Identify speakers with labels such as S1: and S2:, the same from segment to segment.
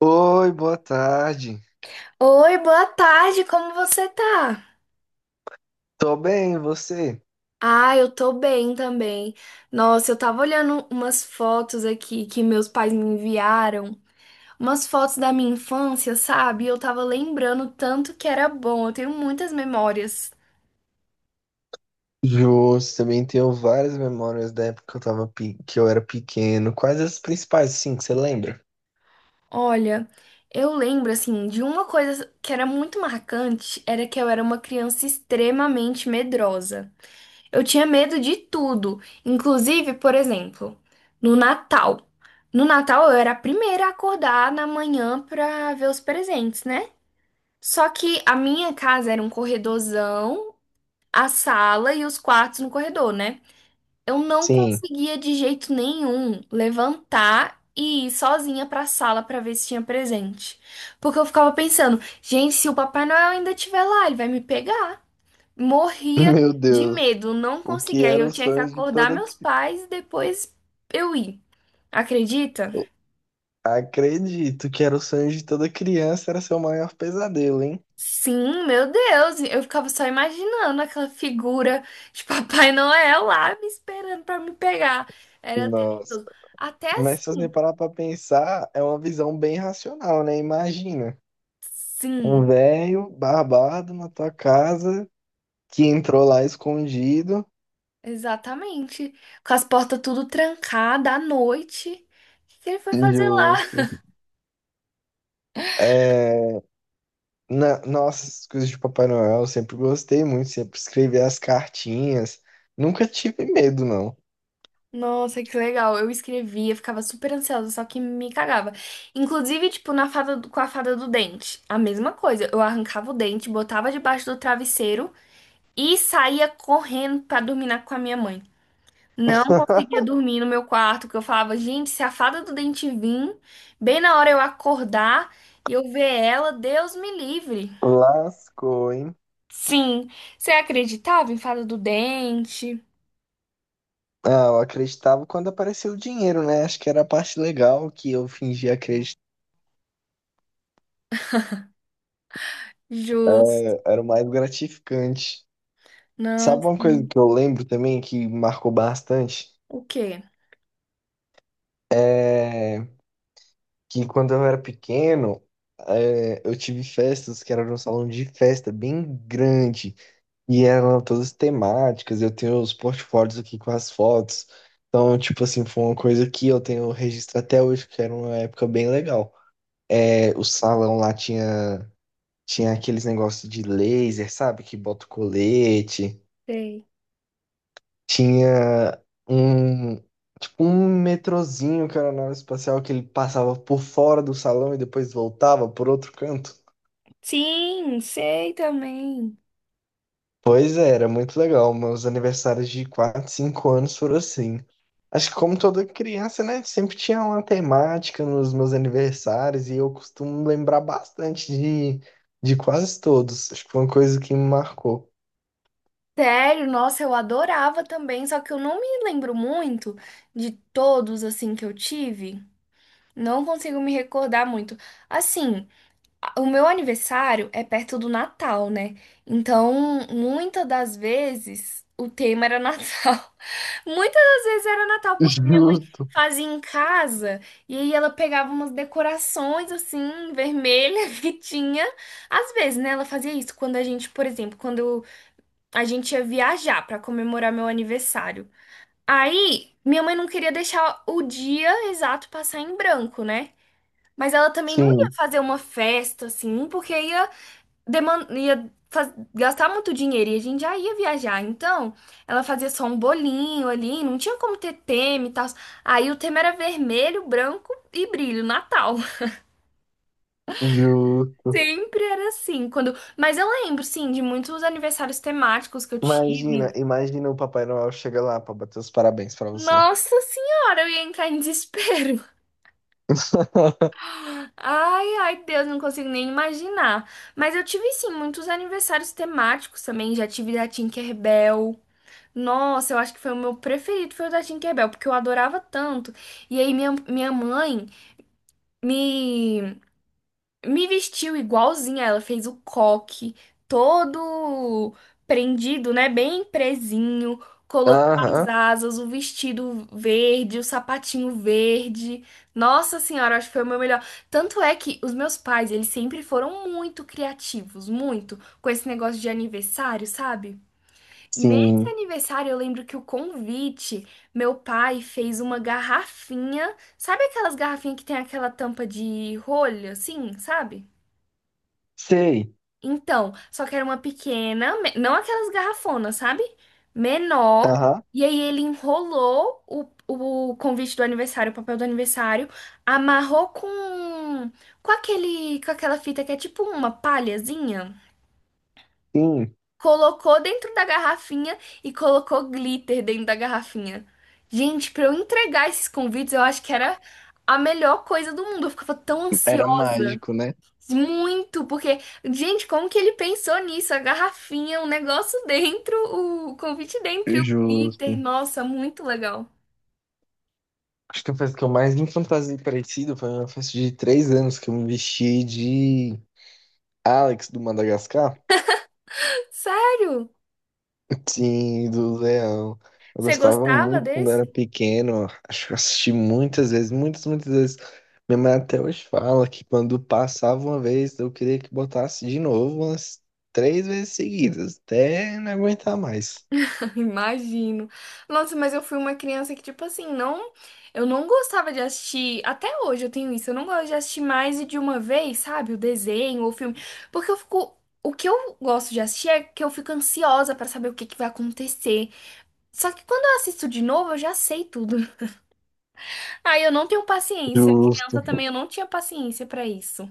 S1: Oi, boa tarde.
S2: Oi, boa tarde, como você tá?
S1: Tô bem, e você?
S2: Ah, eu tô bem também. Nossa, eu tava olhando umas fotos aqui que meus pais me enviaram, umas fotos da minha infância, sabe? Eu tava lembrando tanto que era bom, eu tenho muitas memórias.
S1: Justo, também tenho várias memórias da época que que eu era pequeno. Quais as principais, sim, que você lembra?
S2: Olha, eu lembro assim de uma coisa que era muito marcante, era que eu era uma criança extremamente medrosa. Eu tinha medo de tudo. Inclusive, por exemplo, no Natal. No Natal eu era a primeira a acordar na manhã pra ver os presentes, né? Só que a minha casa era um corredorzão, a sala e os quartos no corredor, né? Eu não
S1: Sim.
S2: conseguia de jeito nenhum levantar e ir sozinha pra sala pra ver se tinha presente. Porque eu ficava pensando, gente, se o Papai Noel ainda estiver lá, ele vai me pegar. Morria
S1: Meu
S2: de
S1: Deus,
S2: medo, não
S1: o que
S2: conseguia. Aí
S1: era
S2: eu
S1: o
S2: tinha que
S1: sonho de
S2: acordar
S1: toda...
S2: meus
S1: cri-
S2: pais e depois eu ir. Acredita?
S1: Acredito que era o sonho de toda criança, era seu maior pesadelo, hein?
S2: Sim, meu Deus, eu ficava só imaginando aquela figura de Papai Noel lá me esperando pra me pegar. Era
S1: Nossa.
S2: tenebroso. Até
S1: Mas se você
S2: assim,
S1: parar pra pensar, é uma visão bem racional, né? Imagina, um
S2: sim,
S1: velho barbado na tua casa que entrou lá escondido.
S2: exatamente. Com as portas tudo trancadas à noite. O que que ele foi fazer lá?
S1: Justo. É, Nossa, essas coisas de Papai Noel, eu sempre gostei muito, sempre escrevi as cartinhas. Nunca tive medo, não.
S2: Nossa, que legal. Eu escrevia, ficava super ansiosa, só que me cagava. Inclusive, tipo, com a fada do dente. A mesma coisa. Eu arrancava o dente, botava debaixo do travesseiro e saía correndo pra dormir com a minha mãe. Não conseguia dormir no meu quarto, porque eu falava, gente, se a fada do dente vir, bem na hora eu acordar e eu ver ela, Deus me livre.
S1: Lascou, hein?
S2: Sim, você acreditava em fada do dente?
S1: Ah, eu acreditava quando apareceu o dinheiro, né? Acho que era a parte legal que eu fingia acreditar,
S2: Justo.
S1: era o mais gratificante.
S2: Não,
S1: Sabe uma coisa
S2: sim.
S1: que eu lembro também que marcou bastante?
S2: O quê?
S1: É que quando eu era pequeno, eu tive festas que era num salão de festa bem grande. E eram todas temáticas, eu tenho os portfólios aqui com as fotos. Então, tipo assim, foi uma coisa que eu tenho registro até hoje, que era uma época bem legal. É, o salão tinha aqueles negócios de laser, sabe? Que bota o colete.
S2: Sei.
S1: Tinha um, tipo, um metrozinho que era na nave espacial, que ele passava por fora do salão e depois voltava por outro canto.
S2: Sim, sei também.
S1: Pois é, era muito legal. Meus aniversários de 4, 5 anos foram assim. Acho que como toda criança, né? Sempre tinha uma temática nos meus aniversários e eu costumo lembrar bastante de quase todos. Acho que foi uma coisa que me marcou.
S2: Sério, nossa, eu adorava também, só que eu não me lembro muito de todos assim que eu tive. Não consigo me recordar muito. Assim, o meu aniversário é perto do Natal, né? Então, muitas das vezes o tema era Natal. Muitas das vezes era Natal, porque minha mãe
S1: Justo.
S2: fazia em casa e aí ela pegava umas decorações assim, vermelha que tinha. Às vezes, né? Ela fazia isso por exemplo, quando a gente ia viajar pra comemorar meu aniversário. Aí, minha mãe não queria deixar o dia exato passar em branco, né? Mas ela também não ia
S1: Sim,
S2: fazer uma festa assim, porque ia gastar muito dinheiro e a gente já ia viajar. Então, ela fazia só um bolinho ali, não tinha como ter tema e tal. Aí o tema era vermelho, branco e brilho, Natal.
S1: justo.
S2: Sempre era assim, mas eu lembro sim de muitos aniversários temáticos que eu
S1: Imagina,
S2: tive.
S1: imagina o Papai Noel chega lá para bater os parabéns para você.
S2: Nossa senhora, eu ia entrar em desespero. Ai, ai, Deus, não consigo nem imaginar. Mas eu tive sim muitos aniversários temáticos também, já tive da Tinkerbell. Nossa, eu acho que foi o meu preferido, foi o da Tinkerbell, porque eu adorava tanto. E aí minha mãe me, me vestiu igualzinha, ela fez o coque todo prendido, né? Bem presinho, colocou as
S1: Aham,
S2: asas, o vestido verde, o sapatinho verde. Nossa senhora, acho que foi o meu melhor. Tanto é que os meus pais, eles sempre foram muito criativos, muito, com esse negócio de aniversário, sabe? Nesse
S1: sim.
S2: aniversário, eu lembro que o convite, meu pai fez uma garrafinha. Sabe aquelas garrafinhas que tem aquela tampa de rolha, assim, sabe?
S1: Sei.
S2: Então, só que era uma pequena, não aquelas garrafonas, sabe? Menor.
S1: Aham,
S2: E aí ele enrolou o convite do aniversário, o papel do aniversário, amarrou com aquela fita que é tipo uma palhazinha.
S1: sim.
S2: Colocou dentro da garrafinha e colocou glitter dentro da garrafinha. Gente, pra eu entregar esses convites, eu acho que era a melhor coisa do mundo. Eu ficava tão
S1: Era
S2: ansiosa.
S1: mágico, né?
S2: Muito, porque, gente, como que ele pensou nisso? A garrafinha, o negócio dentro, o convite dentro e o glitter.
S1: Justo.
S2: Nossa, muito legal.
S1: Acho que a festa que eu mais me fantasiei parecido foi uma festa de 3 anos que eu me vesti de Alex do Madagascar.
S2: Sério?
S1: Sim, do Leão. Eu
S2: Você
S1: gostava
S2: gostava
S1: muito quando era
S2: desse?
S1: pequeno. Acho que eu assisti muitas vezes, muitas, muitas vezes. Minha mãe até hoje fala que quando passava uma vez, eu queria que botasse de novo umas 3 vezes seguidas, até não aguentar mais.
S2: Imagino. Nossa, mas eu fui uma criança que, tipo assim, não. Eu não gostava de assistir. Até hoje eu tenho isso. Eu não gosto de assistir mais de uma vez, sabe? O desenho ou o filme. Porque eu fico. O que eu gosto de assistir é que eu fico ansiosa pra saber o que que vai acontecer. Só que quando eu assisto de novo, eu já sei tudo. Aí eu não tenho paciência.
S1: Justo.
S2: Criança também, eu não tinha paciência pra isso.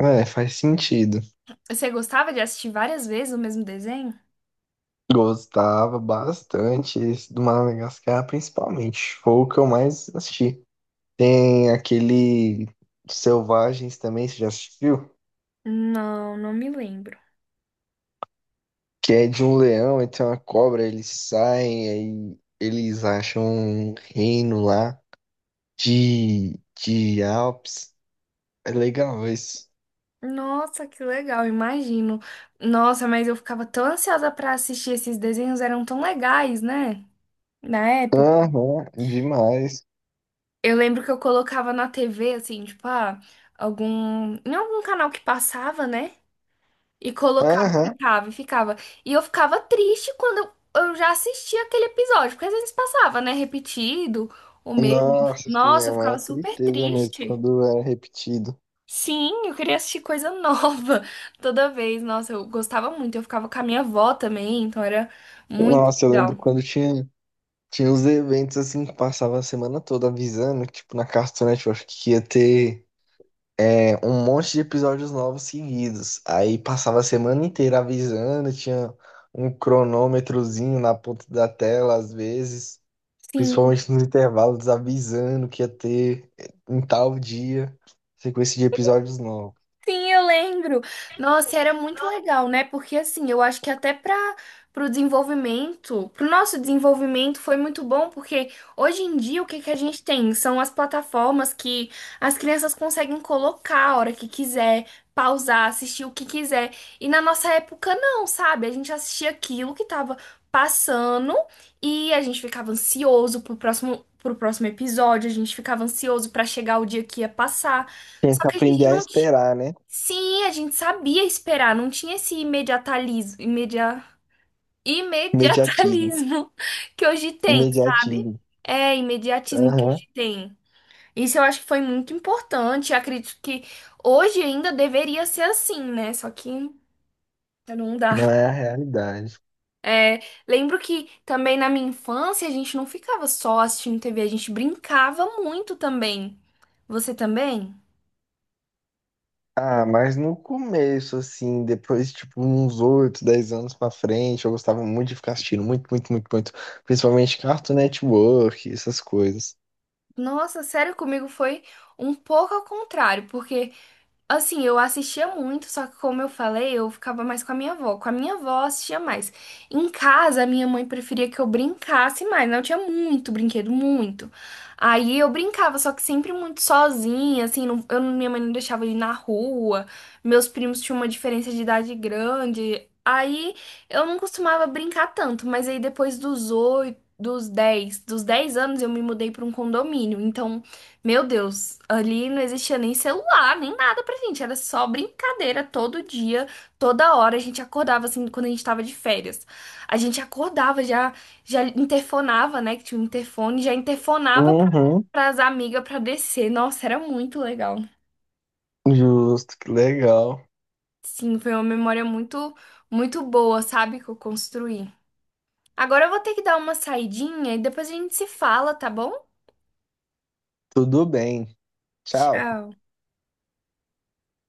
S1: É, faz sentido.
S2: Você gostava de assistir várias vezes o mesmo desenho?
S1: Gostava bastante esse do Madagascar, principalmente. Foi o que eu mais assisti. Tem aquele Selvagens também, você já assistiu?
S2: Não, não me lembro.
S1: Que é de um leão e tem uma cobra, eles saem, aí eles acham um reino lá de Alpes. É legal isso.
S2: Nossa, que legal, imagino. Nossa, mas eu ficava tão ansiosa pra assistir esses desenhos, eram tão legais, né? Na época.
S1: Aham, demais.
S2: Eu lembro que eu colocava na TV, assim, tipo, ah, algum. Em algum canal que passava, né? E colocava e
S1: Aham.
S2: ficava, e ficava. E eu ficava triste quando eu já assistia aquele episódio, porque às vezes passava, né? Repetido, o mesmo.
S1: Nossa, assim, é
S2: Nossa, eu
S1: uma
S2: ficava super
S1: tristeza mesmo
S2: triste.
S1: quando era repetido.
S2: Sim, eu queria assistir coisa nova toda vez. Nossa, eu gostava muito. Eu ficava com a minha avó também, então era muito
S1: Nossa, eu lembro
S2: legal.
S1: quando tinha. Tinha uns eventos assim que passava a semana toda avisando, que, tipo, na Cartoon Network, que ia ter um monte de episódios novos seguidos. Aí passava a semana inteira avisando, tinha um cronômetrozinho na ponta da tela, às vezes,
S2: Sim.
S1: principalmente nos intervalos, avisando que ia ter em tal dia sequência de episódios novos.
S2: Sim, eu lembro. Nossa, era muito legal, né? Porque assim, eu acho que até pro nosso desenvolvimento foi muito bom, porque hoje em dia o que que a gente tem? São as plataformas que as crianças conseguem colocar a hora que quiser, pausar, assistir o que quiser. E na nossa época não, sabe? A gente assistia aquilo que tava passando e a gente ficava ansioso pro próximo episódio, a gente ficava ansioso para chegar o dia que ia passar.
S1: Tinha
S2: Só
S1: que
S2: que a
S1: aprender
S2: gente
S1: a
S2: não,
S1: esperar, né?
S2: sim, a gente sabia esperar, não tinha esse
S1: Imediatismo.
S2: imediatalismo que hoje tem, sabe?
S1: Imediatismo.
S2: É, imediatismo que
S1: Aham.
S2: hoje tem. Isso eu acho que foi muito importante. Eu acredito que hoje ainda deveria ser assim, né? Só que não dá.
S1: Não é a realidade.
S2: É, lembro que também na minha infância a gente não ficava só assistindo TV, a gente brincava muito também. Você também?
S1: Ah, mas no começo, assim, depois, tipo, uns 8, 10 anos pra frente, eu gostava muito de ficar assistindo, muito, muito, muito, muito. Principalmente Cartoon Network, essas coisas.
S2: Nossa, sério, comigo foi um pouco ao contrário, porque assim, eu assistia muito, só que como eu falei, eu ficava mais com a minha avó. Com a minha avó, eu assistia mais. Em casa, a minha mãe preferia que eu brincasse mais, né? Eu tinha muito brinquedo, muito. Aí eu brincava, só que sempre muito sozinha, assim, minha mãe não deixava eu ir na rua. Meus primos tinham uma diferença de idade grande. Aí eu não costumava brincar tanto, mas aí depois dos 8, dos dez anos eu me mudei para um condomínio. Então meu Deus, ali não existia nem celular, nem nada pra gente, era só brincadeira todo dia, toda hora. A gente acordava assim quando a gente tava de férias. A gente acordava, já interfonava, né, que tinha um interfone, já interfonava
S1: Uhum.
S2: pras amigas pra descer. Nossa, era muito legal.
S1: Justo, que legal.
S2: Sim, foi uma memória muito muito boa, sabe, que eu construí. Agora eu vou ter que dar uma saidinha e depois a gente se fala, tá bom?
S1: Tudo bem. Tchau.
S2: Tchau.